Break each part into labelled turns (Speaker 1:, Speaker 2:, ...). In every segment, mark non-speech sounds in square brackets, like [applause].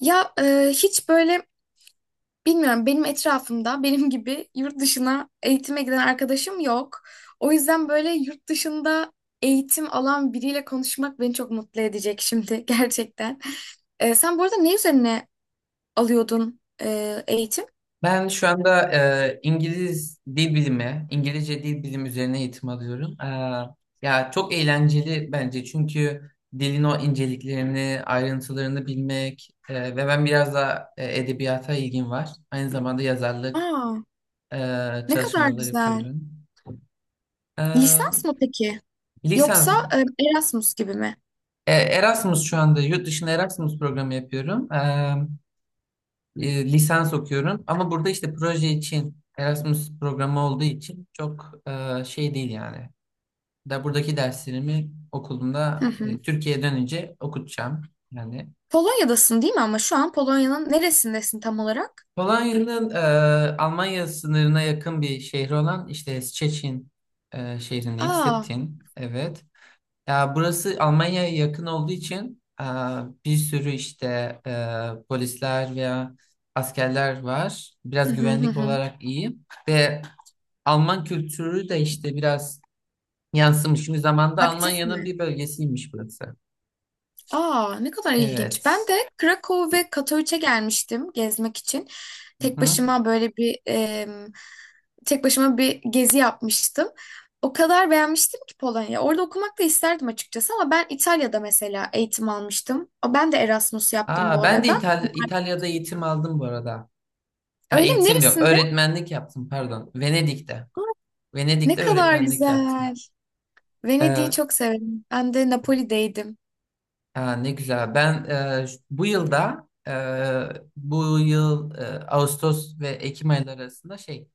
Speaker 1: Hiç böyle bilmiyorum benim etrafımda [laughs] benim gibi yurt dışına eğitime giden arkadaşım yok. O yüzden böyle yurt dışında eğitim alan biriyle konuşmak beni çok mutlu edecek şimdi [laughs] gerçekten. Sen bu arada ne üzerine alıyordun eğitim?
Speaker 2: Ben şu anda İngiliz dil bilimi, İngilizce dil bilimi üzerine eğitim alıyorum. Ya çok eğlenceli bence çünkü dilin o inceliklerini, ayrıntılarını bilmek ve ben biraz da edebiyata ilgim var. Aynı zamanda yazarlık
Speaker 1: Aa,
Speaker 2: e,
Speaker 1: ne kadar
Speaker 2: çalışmaları
Speaker 1: güzel.
Speaker 2: yapıyorum.
Speaker 1: Lisans
Speaker 2: E,
Speaker 1: mı peki?
Speaker 2: Lisans,
Speaker 1: Yoksa Erasmus gibi mi?
Speaker 2: Erasmus şu anda yurt dışında Erasmus programı yapıyorum. Lisans okuyorum ama burada işte proje için Erasmus programı olduğu için çok şey değil yani. Da buradaki derslerimi
Speaker 1: Hı
Speaker 2: okulumda
Speaker 1: hı.
Speaker 2: Türkiye'ye dönünce okutacağım yani.
Speaker 1: Polonya'dasın değil mi, ama şu an Polonya'nın neresindesin tam olarak?
Speaker 2: Polonya'nın Almanya sınırına yakın bir şehri olan işte Szczecin şehrindeyim.
Speaker 1: Aa,
Speaker 2: Stettin, evet. Ya burası Almanya'ya yakın olduğu için bir sürü işte polisler veya askerler var.
Speaker 1: hı
Speaker 2: Biraz
Speaker 1: hı hı.
Speaker 2: güvenlik
Speaker 1: Hı.
Speaker 2: olarak iyi. Ve Alman kültürü de işte biraz yansımış. Çünkü zamanda
Speaker 1: Aktif
Speaker 2: Almanya'nın
Speaker 1: mi?
Speaker 2: bir bölgesiymiş burası.
Speaker 1: Aa, ne kadar ilginç. Ben
Speaker 2: Evet.
Speaker 1: de Krakow ve Katowice gelmiştim gezmek için. Tek
Speaker 2: Hı hı.
Speaker 1: başıma böyle bir em, Tek başıma bir gezi yapmıştım. O kadar beğenmiştim ki Polonya. Orada okumak da isterdim açıkçası, ama ben İtalya'da mesela eğitim almıştım. Ben de Erasmus yaptım
Speaker 2: Aa,
Speaker 1: bu
Speaker 2: ben de
Speaker 1: arada.
Speaker 2: İtalya'da eğitim aldım bu arada. Ha,
Speaker 1: Öyle mi?
Speaker 2: eğitim yok.
Speaker 1: Neresinde?
Speaker 2: Öğretmenlik yaptım pardon. Venedik'te.
Speaker 1: Aa, ne
Speaker 2: Venedik'te
Speaker 1: kadar
Speaker 2: öğretmenlik yaptım.
Speaker 1: güzel. Venedik'i
Speaker 2: Ee,
Speaker 1: çok severim. Ben de Napoli'deydim.
Speaker 2: Aa, ne güzel. Ben bu yılda bu yıl Ağustos ve Ekim ayları arasında şey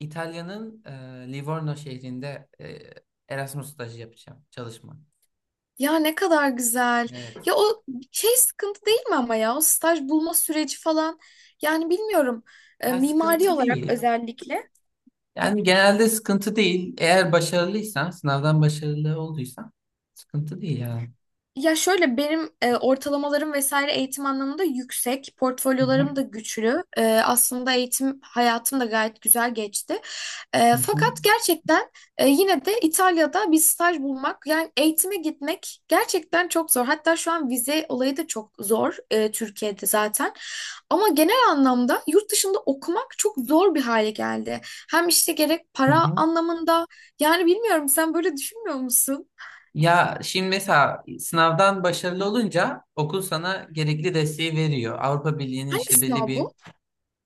Speaker 2: İtalya'nın Livorno şehrinde Erasmus stajı yapacağım. Çalışma.
Speaker 1: Ya ne kadar güzel.
Speaker 2: Evet.
Speaker 1: Ya o şey sıkıntı değil mi ama, ya o staj bulma süreci falan. Yani bilmiyorum.
Speaker 2: Ya
Speaker 1: Mimari
Speaker 2: sıkıntı
Speaker 1: olarak
Speaker 2: değil.
Speaker 1: özellikle.
Speaker 2: Yani genelde sıkıntı değil. Eğer başarılıysan, sınavdan başarılı olduysan sıkıntı değil yani.
Speaker 1: Ya şöyle benim ortalamalarım vesaire eğitim anlamında yüksek,
Speaker 2: Hı hı,
Speaker 1: portfolyolarım da güçlü. E, aslında eğitim hayatım da gayet güzel geçti.
Speaker 2: hı
Speaker 1: E,
Speaker 2: hı,
Speaker 1: fakat gerçekten yine de İtalya'da bir staj bulmak, yani eğitime gitmek gerçekten çok zor. Hatta şu an vize olayı da çok zor Türkiye'de zaten. Ama genel anlamda yurt dışında okumak çok zor bir hale geldi. Hem işte gerek
Speaker 2: hı
Speaker 1: para
Speaker 2: hı.
Speaker 1: anlamında, yani bilmiyorum, sen böyle düşünmüyor musun?
Speaker 2: Ya şimdi mesela sınavdan başarılı olunca okul sana gerekli desteği veriyor. Avrupa Birliği'nin
Speaker 1: Hangi
Speaker 2: işte belli
Speaker 1: sınav
Speaker 2: bir
Speaker 1: bu?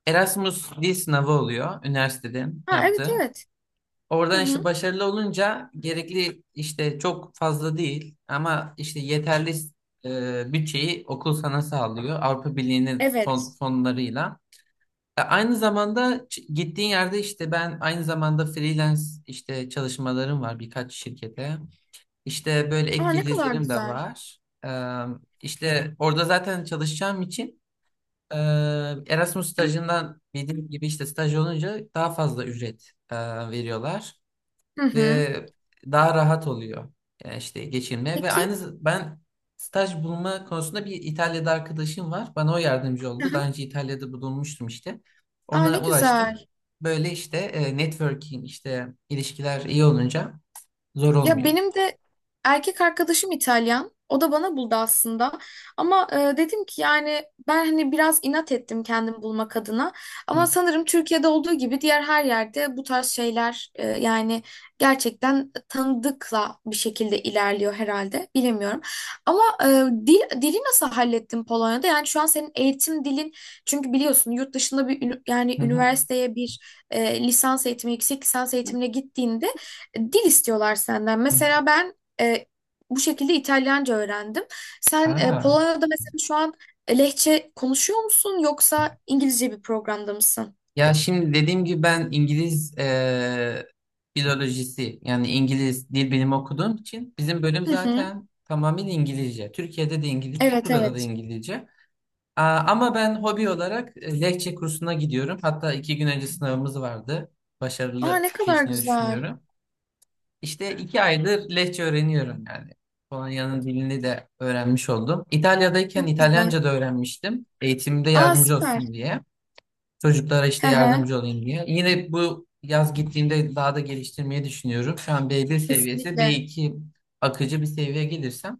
Speaker 2: Erasmus dil sınavı oluyor üniversitede
Speaker 1: Ha, evet
Speaker 2: yaptığı.
Speaker 1: evet. Hı
Speaker 2: Oradan işte
Speaker 1: hı.
Speaker 2: başarılı olunca gerekli işte çok fazla değil ama işte yeterli bütçeyi okul sana sağlıyor Avrupa Birliği'nin
Speaker 1: Evet.
Speaker 2: fonlarıyla. Aynı zamanda gittiğin yerde işte ben aynı zamanda freelance işte çalışmalarım var birkaç şirkete. İşte böyle ek
Speaker 1: Aa, ne kadar
Speaker 2: gelirlerim de
Speaker 1: güzel.
Speaker 2: var. E, işte orada zaten çalışacağım için e, Erasmus stajından bildiğim gibi işte staj olunca daha fazla ücret veriyorlar
Speaker 1: Hı hı.
Speaker 2: ve daha rahat oluyor. Yani işte geçinme ve
Speaker 1: Peki.
Speaker 2: aynı ben staj bulma konusunda bir İtalya'da arkadaşım var. Bana o yardımcı
Speaker 1: Hı
Speaker 2: oldu.
Speaker 1: hı.
Speaker 2: Daha önce İtalya'da bulunmuştum işte.
Speaker 1: Aa, ne
Speaker 2: Ona ulaştım.
Speaker 1: güzel.
Speaker 2: Böyle işte networking işte ilişkiler iyi olunca zor
Speaker 1: Ya
Speaker 2: olmuyor.
Speaker 1: benim de erkek arkadaşım İtalyan. O da bana buldu aslında. Ama dedim ki yani ben hani biraz inat ettim kendim bulmak adına.
Speaker 2: Hı
Speaker 1: Ama sanırım Türkiye'de olduğu gibi diğer her yerde bu tarz şeyler, yani gerçekten tanıdıkla bir şekilde ilerliyor herhalde. Bilemiyorum. Ama e, dil dili nasıl hallettin Polonya'da? Yani şu an senin eğitim dilin, çünkü biliyorsun yurt dışında bir yani
Speaker 2: hı. Hı.
Speaker 1: üniversiteye bir lisans eğitimi, yüksek lisans eğitimine gittiğinde dil istiyorlar senden.
Speaker 2: Hı.
Speaker 1: Mesela ben e, bu şekilde İtalyanca öğrendim. Sen
Speaker 2: Aa,
Speaker 1: Polonya'da mesela şu an Lehçe konuşuyor musun, yoksa İngilizce bir programda mısın?
Speaker 2: ya şimdi dediğim gibi ben İngiliz filolojisi yani İngiliz dil bilimi okuduğum için bizim bölüm
Speaker 1: Hı hı.
Speaker 2: zaten tamamıyla İngilizce. Türkiye'de de İngilizce,
Speaker 1: Evet
Speaker 2: burada da
Speaker 1: evet.
Speaker 2: İngilizce. Aa, ama ben hobi olarak Lehçe kursuna gidiyorum. Hatta iki gün önce sınavımız vardı.
Speaker 1: Aa,
Speaker 2: Başarılı
Speaker 1: ne kadar
Speaker 2: geçtiğini
Speaker 1: güzel.
Speaker 2: düşünüyorum. İşte iki aydır Lehçe öğreniyorum yani. Polonya'nın dilini de öğrenmiş oldum. İtalya'dayken
Speaker 1: Çok güzel.
Speaker 2: İtalyanca da öğrenmiştim. Eğitimde
Speaker 1: Aa,
Speaker 2: yardımcı
Speaker 1: süper.
Speaker 2: olsun diye. Çocuklara işte
Speaker 1: Hı hı.
Speaker 2: yardımcı olayım diye. Yine bu yaz gittiğimde daha da geliştirmeyi düşünüyorum. Şu an B1 seviyesi,
Speaker 1: Kesinlikle.
Speaker 2: B2 akıcı bir seviyeye gelirsem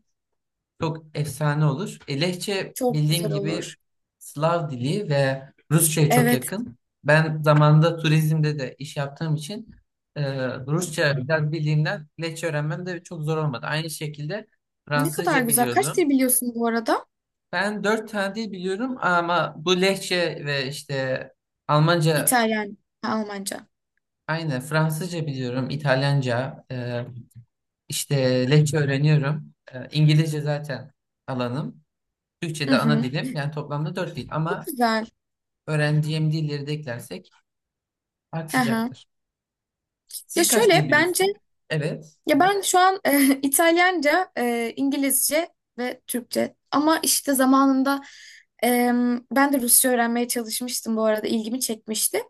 Speaker 2: çok efsane olur. E, Lehçe
Speaker 1: Çok
Speaker 2: bildiğin
Speaker 1: güzel
Speaker 2: gibi
Speaker 1: olur.
Speaker 2: Slav dili ve Rusça'ya çok
Speaker 1: Evet.
Speaker 2: yakın. Ben zamanında turizmde de iş yaptığım için e, Rusça biraz bildiğimden Lehçe öğrenmem de çok zor olmadı. Aynı şekilde
Speaker 1: Ne kadar
Speaker 2: Fransızca
Speaker 1: güzel. Kaç
Speaker 2: biliyordum.
Speaker 1: dil biliyorsun bu arada?
Speaker 2: Ben dört tane dil biliyorum ama bu Lehçe ve işte Almanca
Speaker 1: İtalyan, ha, Almanca.
Speaker 2: aynı. Fransızca biliyorum, İtalyanca, işte Lehçe öğreniyorum. E, İngilizce zaten alanım. Türkçe
Speaker 1: Hı
Speaker 2: de ana
Speaker 1: hı.
Speaker 2: dilim yani toplamda 4 dil ama
Speaker 1: Güzel.
Speaker 2: öğrendiğim dilleri de eklersek
Speaker 1: Hı hı.
Speaker 2: artacaktır.
Speaker 1: Ya
Speaker 2: Siz kaç
Speaker 1: şöyle
Speaker 2: dil
Speaker 1: bence
Speaker 2: biliyorsunuz? Evet.
Speaker 1: ya
Speaker 2: Evet.
Speaker 1: ben şu an [laughs] İtalyanca, İngilizce ve Türkçe. Ama işte zamanında e, ben de Rusça öğrenmeye çalışmıştım bu arada, ilgimi çekmişti.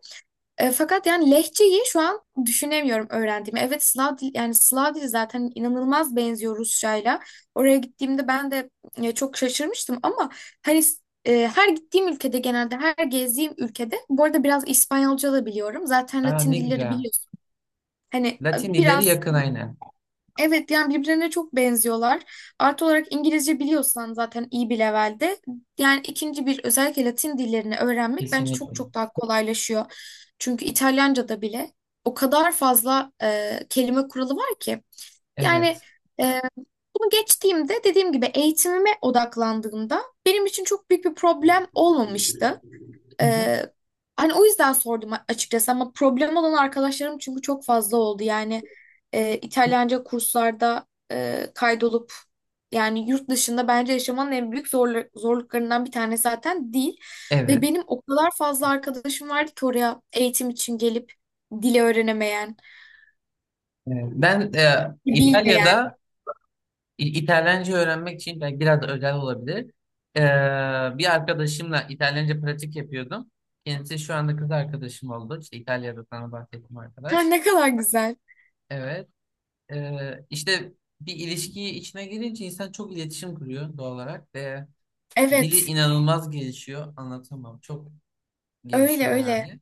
Speaker 1: E, fakat yani lehçeyi şu an düşünemiyorum öğrendiğimi. Evet Slav dil, yani Slav dili zaten inanılmaz benziyor Rusçayla. Oraya gittiğimde ben de çok şaşırmıştım ama hani her gittiğim ülkede genelde her gezdiğim ülkede, bu arada biraz İspanyolca da biliyorum. Zaten
Speaker 2: Aa,
Speaker 1: Latin
Speaker 2: ne
Speaker 1: dilleri
Speaker 2: güzel.
Speaker 1: biliyorsun. Hani
Speaker 2: Latin dilleri
Speaker 1: biraz
Speaker 2: yakın aynen.
Speaker 1: evet, yani birbirlerine çok benziyorlar. Artı olarak İngilizce biliyorsan zaten iyi bir levelde. Yani ikinci bir, özellikle Latin dillerini öğrenmek bence çok
Speaker 2: Kesinlikle.
Speaker 1: çok daha kolaylaşıyor. Çünkü İtalyanca'da bile o kadar fazla kelime kuralı var ki. Yani
Speaker 2: Evet.
Speaker 1: e, bunu geçtiğimde dediğim gibi eğitimime odaklandığımda benim için çok büyük bir problem olmamıştı.
Speaker 2: Hı.
Speaker 1: Ee, Hani o yüzden sordum açıkçası, ama problem olan arkadaşlarım çünkü çok fazla oldu. Yani
Speaker 2: Hı.
Speaker 1: İtalyanca kurslarda kaydolup yani yurt dışında bence yaşamanın en büyük zorluklarından bir tanesi zaten dil. Ve
Speaker 2: Evet.
Speaker 1: benim o kadar fazla arkadaşım vardı ki oraya eğitim için gelip dili öğrenemeyen,
Speaker 2: Evet. Ben
Speaker 1: bilmeyen.
Speaker 2: İtalya'da İtalyanca öğrenmek için belki biraz da özel olabilir. E, Bir arkadaşımla İtalyanca pratik yapıyordum. Kendisi şu anda kız arkadaşım oldu. İşte İtalya'da sana bahsettiğim
Speaker 1: Ha,
Speaker 2: arkadaş.
Speaker 1: ne kadar güzel.
Speaker 2: Evet. İşte bir ilişkiyi içine girince insan çok iletişim kuruyor doğal olarak ve dili
Speaker 1: Evet,
Speaker 2: inanılmaz gelişiyor. Anlatamam. Çok
Speaker 1: öyle
Speaker 2: gelişiyor
Speaker 1: öyle.
Speaker 2: yani.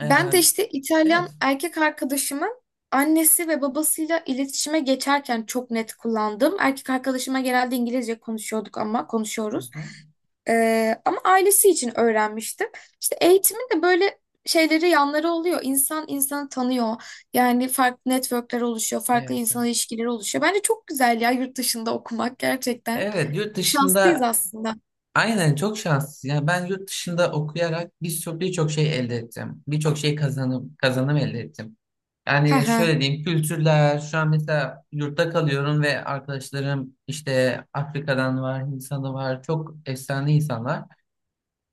Speaker 2: Ee,
Speaker 1: Ben de işte İtalyan
Speaker 2: evet.
Speaker 1: erkek arkadaşımın annesi ve babasıyla iletişime geçerken çok net kullandım. Erkek arkadaşıma genelde İngilizce konuşuyorduk, ama
Speaker 2: Hı
Speaker 1: konuşuyoruz.
Speaker 2: hı.
Speaker 1: Ama ailesi için öğrenmiştim. İşte eğitimin de böyle şeyleri, yanları oluyor. İnsan insanı tanıyor. Yani farklı networkler oluşuyor, farklı
Speaker 2: Evet. Evet,
Speaker 1: insan ilişkileri oluşuyor. Bence çok güzel ya, yurt dışında okumak gerçekten.
Speaker 2: evet, yurt
Speaker 1: Şanslıyız
Speaker 2: dışında
Speaker 1: aslında.
Speaker 2: aynen çok şanssız. Yani ben yurt dışında okuyarak birçok şey elde ettim. Birçok şey kazanım elde ettim.
Speaker 1: Hı
Speaker 2: Yani
Speaker 1: hı.
Speaker 2: şöyle diyeyim kültürler şu an mesela yurtta kalıyorum ve arkadaşlarım işte Afrika'dan var, Hindistan'da var. Çok efsane insanlar.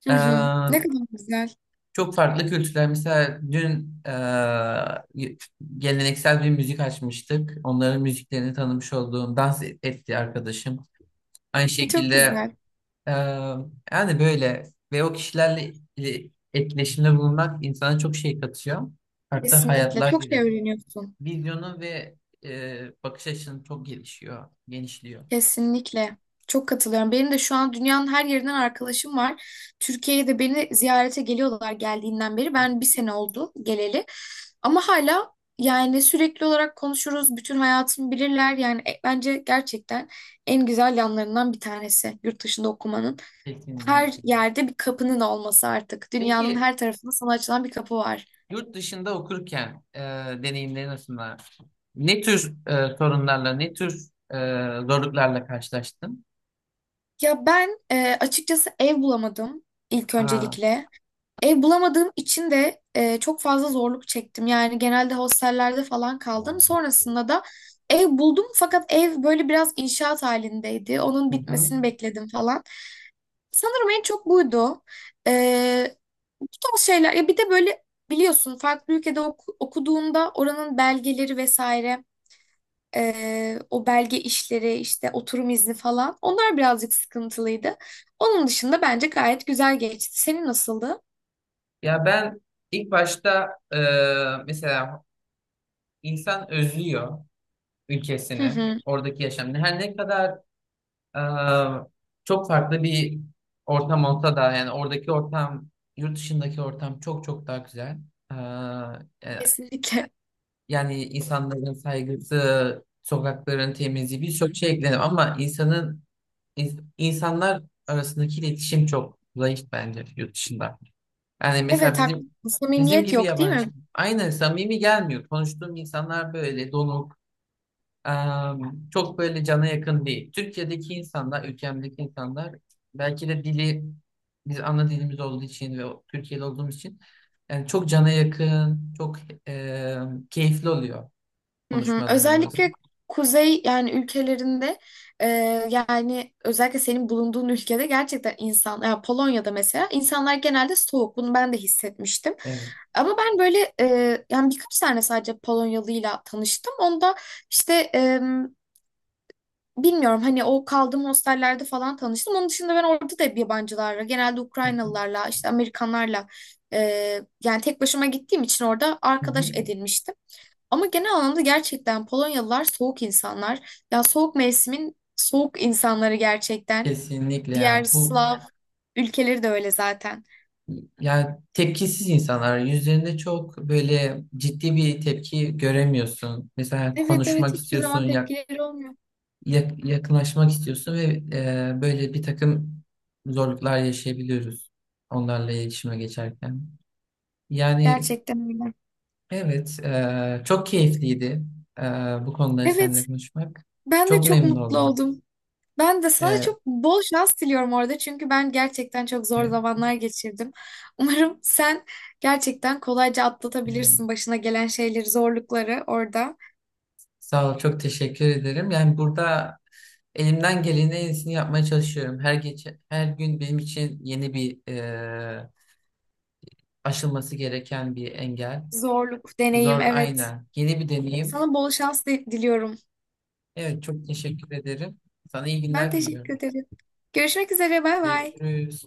Speaker 1: Hı hı.
Speaker 2: Eee,
Speaker 1: Ne kadar güzel.
Speaker 2: Çok farklı kültürler. Mesela dün geleneksel bir müzik açmıştık. Onların müziklerini tanımış olduğum dans etti arkadaşım. Aynı
Speaker 1: [laughs] Çok
Speaker 2: şekilde
Speaker 1: güzel.
Speaker 2: eee, yani böyle ve o kişilerle etkileşimde bulunmak insana çok şey katıyor. Farklı
Speaker 1: Kesinlikle.
Speaker 2: hayatlar
Speaker 1: Çok şey
Speaker 2: giriyor.
Speaker 1: öğreniyorsun.
Speaker 2: Vizyonu ve bakış açını çok gelişiyor, genişliyor.
Speaker 1: Kesinlikle. Çok katılıyorum. Benim de şu an dünyanın her yerinden arkadaşım var. Türkiye'ye de beni ziyarete geliyorlar geldiğinden beri. Ben bir sene oldu geleli. Ama hala yani sürekli olarak konuşuruz. Bütün hayatımı bilirler. Yani bence gerçekten en güzel yanlarından bir tanesi yurt dışında okumanın. Her
Speaker 2: Kesinlikle.
Speaker 1: yerde bir kapının olması artık. Dünyanın
Speaker 2: Peki
Speaker 1: her tarafında sana açılan bir kapı var.
Speaker 2: yurt dışında okurken deneyimlerin arasında ne tür sorunlarla, ne tür zorluklarla karşılaştın?
Speaker 1: Ya ben açıkçası ev bulamadım ilk
Speaker 2: Aa,
Speaker 1: öncelikle. Ev bulamadığım için de çok fazla zorluk çektim. Yani genelde hostellerde falan kaldım. Sonrasında da ev buldum, fakat ev böyle biraz inşaat halindeydi. Onun
Speaker 2: hı hı.
Speaker 1: bitmesini bekledim falan. Sanırım en çok buydu. E, Bu tarz şeyler. Ya bir de böyle biliyorsun farklı ülkede okuduğunda oranın belgeleri vesaire, o belge işleri, işte oturum izni falan, onlar birazcık sıkıntılıydı. Onun dışında bence gayet güzel geçti. Senin nasıldı?
Speaker 2: Ya ben ilk başta mesela insan özlüyor
Speaker 1: Hı
Speaker 2: ülkesini,
Speaker 1: hı.
Speaker 2: oradaki yaşamını. Her ne kadar Ee, çok farklı bir ortam olsa da yani oradaki yurt dışındaki ortam çok çok daha güzel. Ee, e,
Speaker 1: Kesinlikle.
Speaker 2: Yani insanların saygısı, sokakların temizliği birçok şey eklenir ama insanın insanlar arasındaki iletişim çok zayıf bence yurt dışında. Yani mesela
Speaker 1: Evet haklısın.
Speaker 2: bizim
Speaker 1: Samimiyet
Speaker 2: gibi
Speaker 1: yok değil
Speaker 2: yabancı
Speaker 1: mi?
Speaker 2: aynı samimi gelmiyor. Konuştuğum insanlar böyle donuk, çok böyle cana yakın değil. Türkiye'deki insanlar, ülkemdeki insanlar belki de dili biz ana dilimiz olduğu için ve Türkiye'de olduğumuz için yani çok cana yakın, çok keyifli oluyor
Speaker 1: Hı hı.
Speaker 2: konuşmalarımız.
Speaker 1: Özellikle kuzey yani ülkelerinde e, yani özellikle senin bulunduğun ülkede gerçekten insan, ya Polonya'da mesela insanlar genelde soğuk. Bunu ben de hissetmiştim.
Speaker 2: Evet.
Speaker 1: Ama ben böyle yani birkaç tane sadece Polonyalıyla tanıştım. Onda işte bilmiyorum hani o kaldığım hostellerde falan tanıştım. Onun dışında ben orada da hep yabancılarla, genelde
Speaker 2: Hı hı.
Speaker 1: Ukraynalılarla, işte Amerikanlarla e, yani tek başıma gittiğim için orada
Speaker 2: Hı
Speaker 1: arkadaş
Speaker 2: hı.
Speaker 1: edinmiştim. Ama genel anlamda gerçekten Polonyalılar soğuk insanlar. Ya soğuk mevsimin soğuk insanları gerçekten.
Speaker 2: Kesinlikle
Speaker 1: Diğer
Speaker 2: ya.
Speaker 1: Slav ülkeleri de öyle zaten.
Speaker 2: Yani tepkisiz insanlar yüzlerinde çok böyle ciddi bir tepki göremiyorsun. Mesela
Speaker 1: Evet evet,
Speaker 2: konuşmak
Speaker 1: hiçbir
Speaker 2: istiyorsun,
Speaker 1: zaman tepkileri olmuyor.
Speaker 2: yakınlaşmak istiyorsun ve böyle bir takım zorluklar yaşayabiliyoruz onlarla iletişime geçerken. Yani
Speaker 1: Gerçekten öyle.
Speaker 2: evet, çok keyifliydi e, bu konuları seninle
Speaker 1: Evet,
Speaker 2: konuşmak.
Speaker 1: ben de
Speaker 2: Çok
Speaker 1: çok
Speaker 2: memnun
Speaker 1: mutlu
Speaker 2: oldum.
Speaker 1: oldum. Ben de sana
Speaker 2: E,
Speaker 1: çok bol şans diliyorum orada, çünkü ben gerçekten çok zor
Speaker 2: e,
Speaker 1: zamanlar geçirdim. Umarım sen gerçekten kolayca atlatabilirsin
Speaker 2: e,
Speaker 1: başına gelen şeyleri, zorlukları orada.
Speaker 2: Sağ ol, çok teşekkür ederim. Yani burada elimden gelenin en iyisini yapmaya çalışıyorum. Her geçen, her gün benim için yeni bir aşılması gereken bir engel.
Speaker 1: Zorluk, deneyim,
Speaker 2: Zor
Speaker 1: evet.
Speaker 2: aynen. Yeni bir deneyim.
Speaker 1: Sana bol şans diliyorum.
Speaker 2: Evet çok teşekkür ederim. Sana iyi
Speaker 1: Ben
Speaker 2: günler
Speaker 1: teşekkür
Speaker 2: diliyorum.
Speaker 1: ederim. Görüşmek üzere. Bay bay.
Speaker 2: Görüşürüz.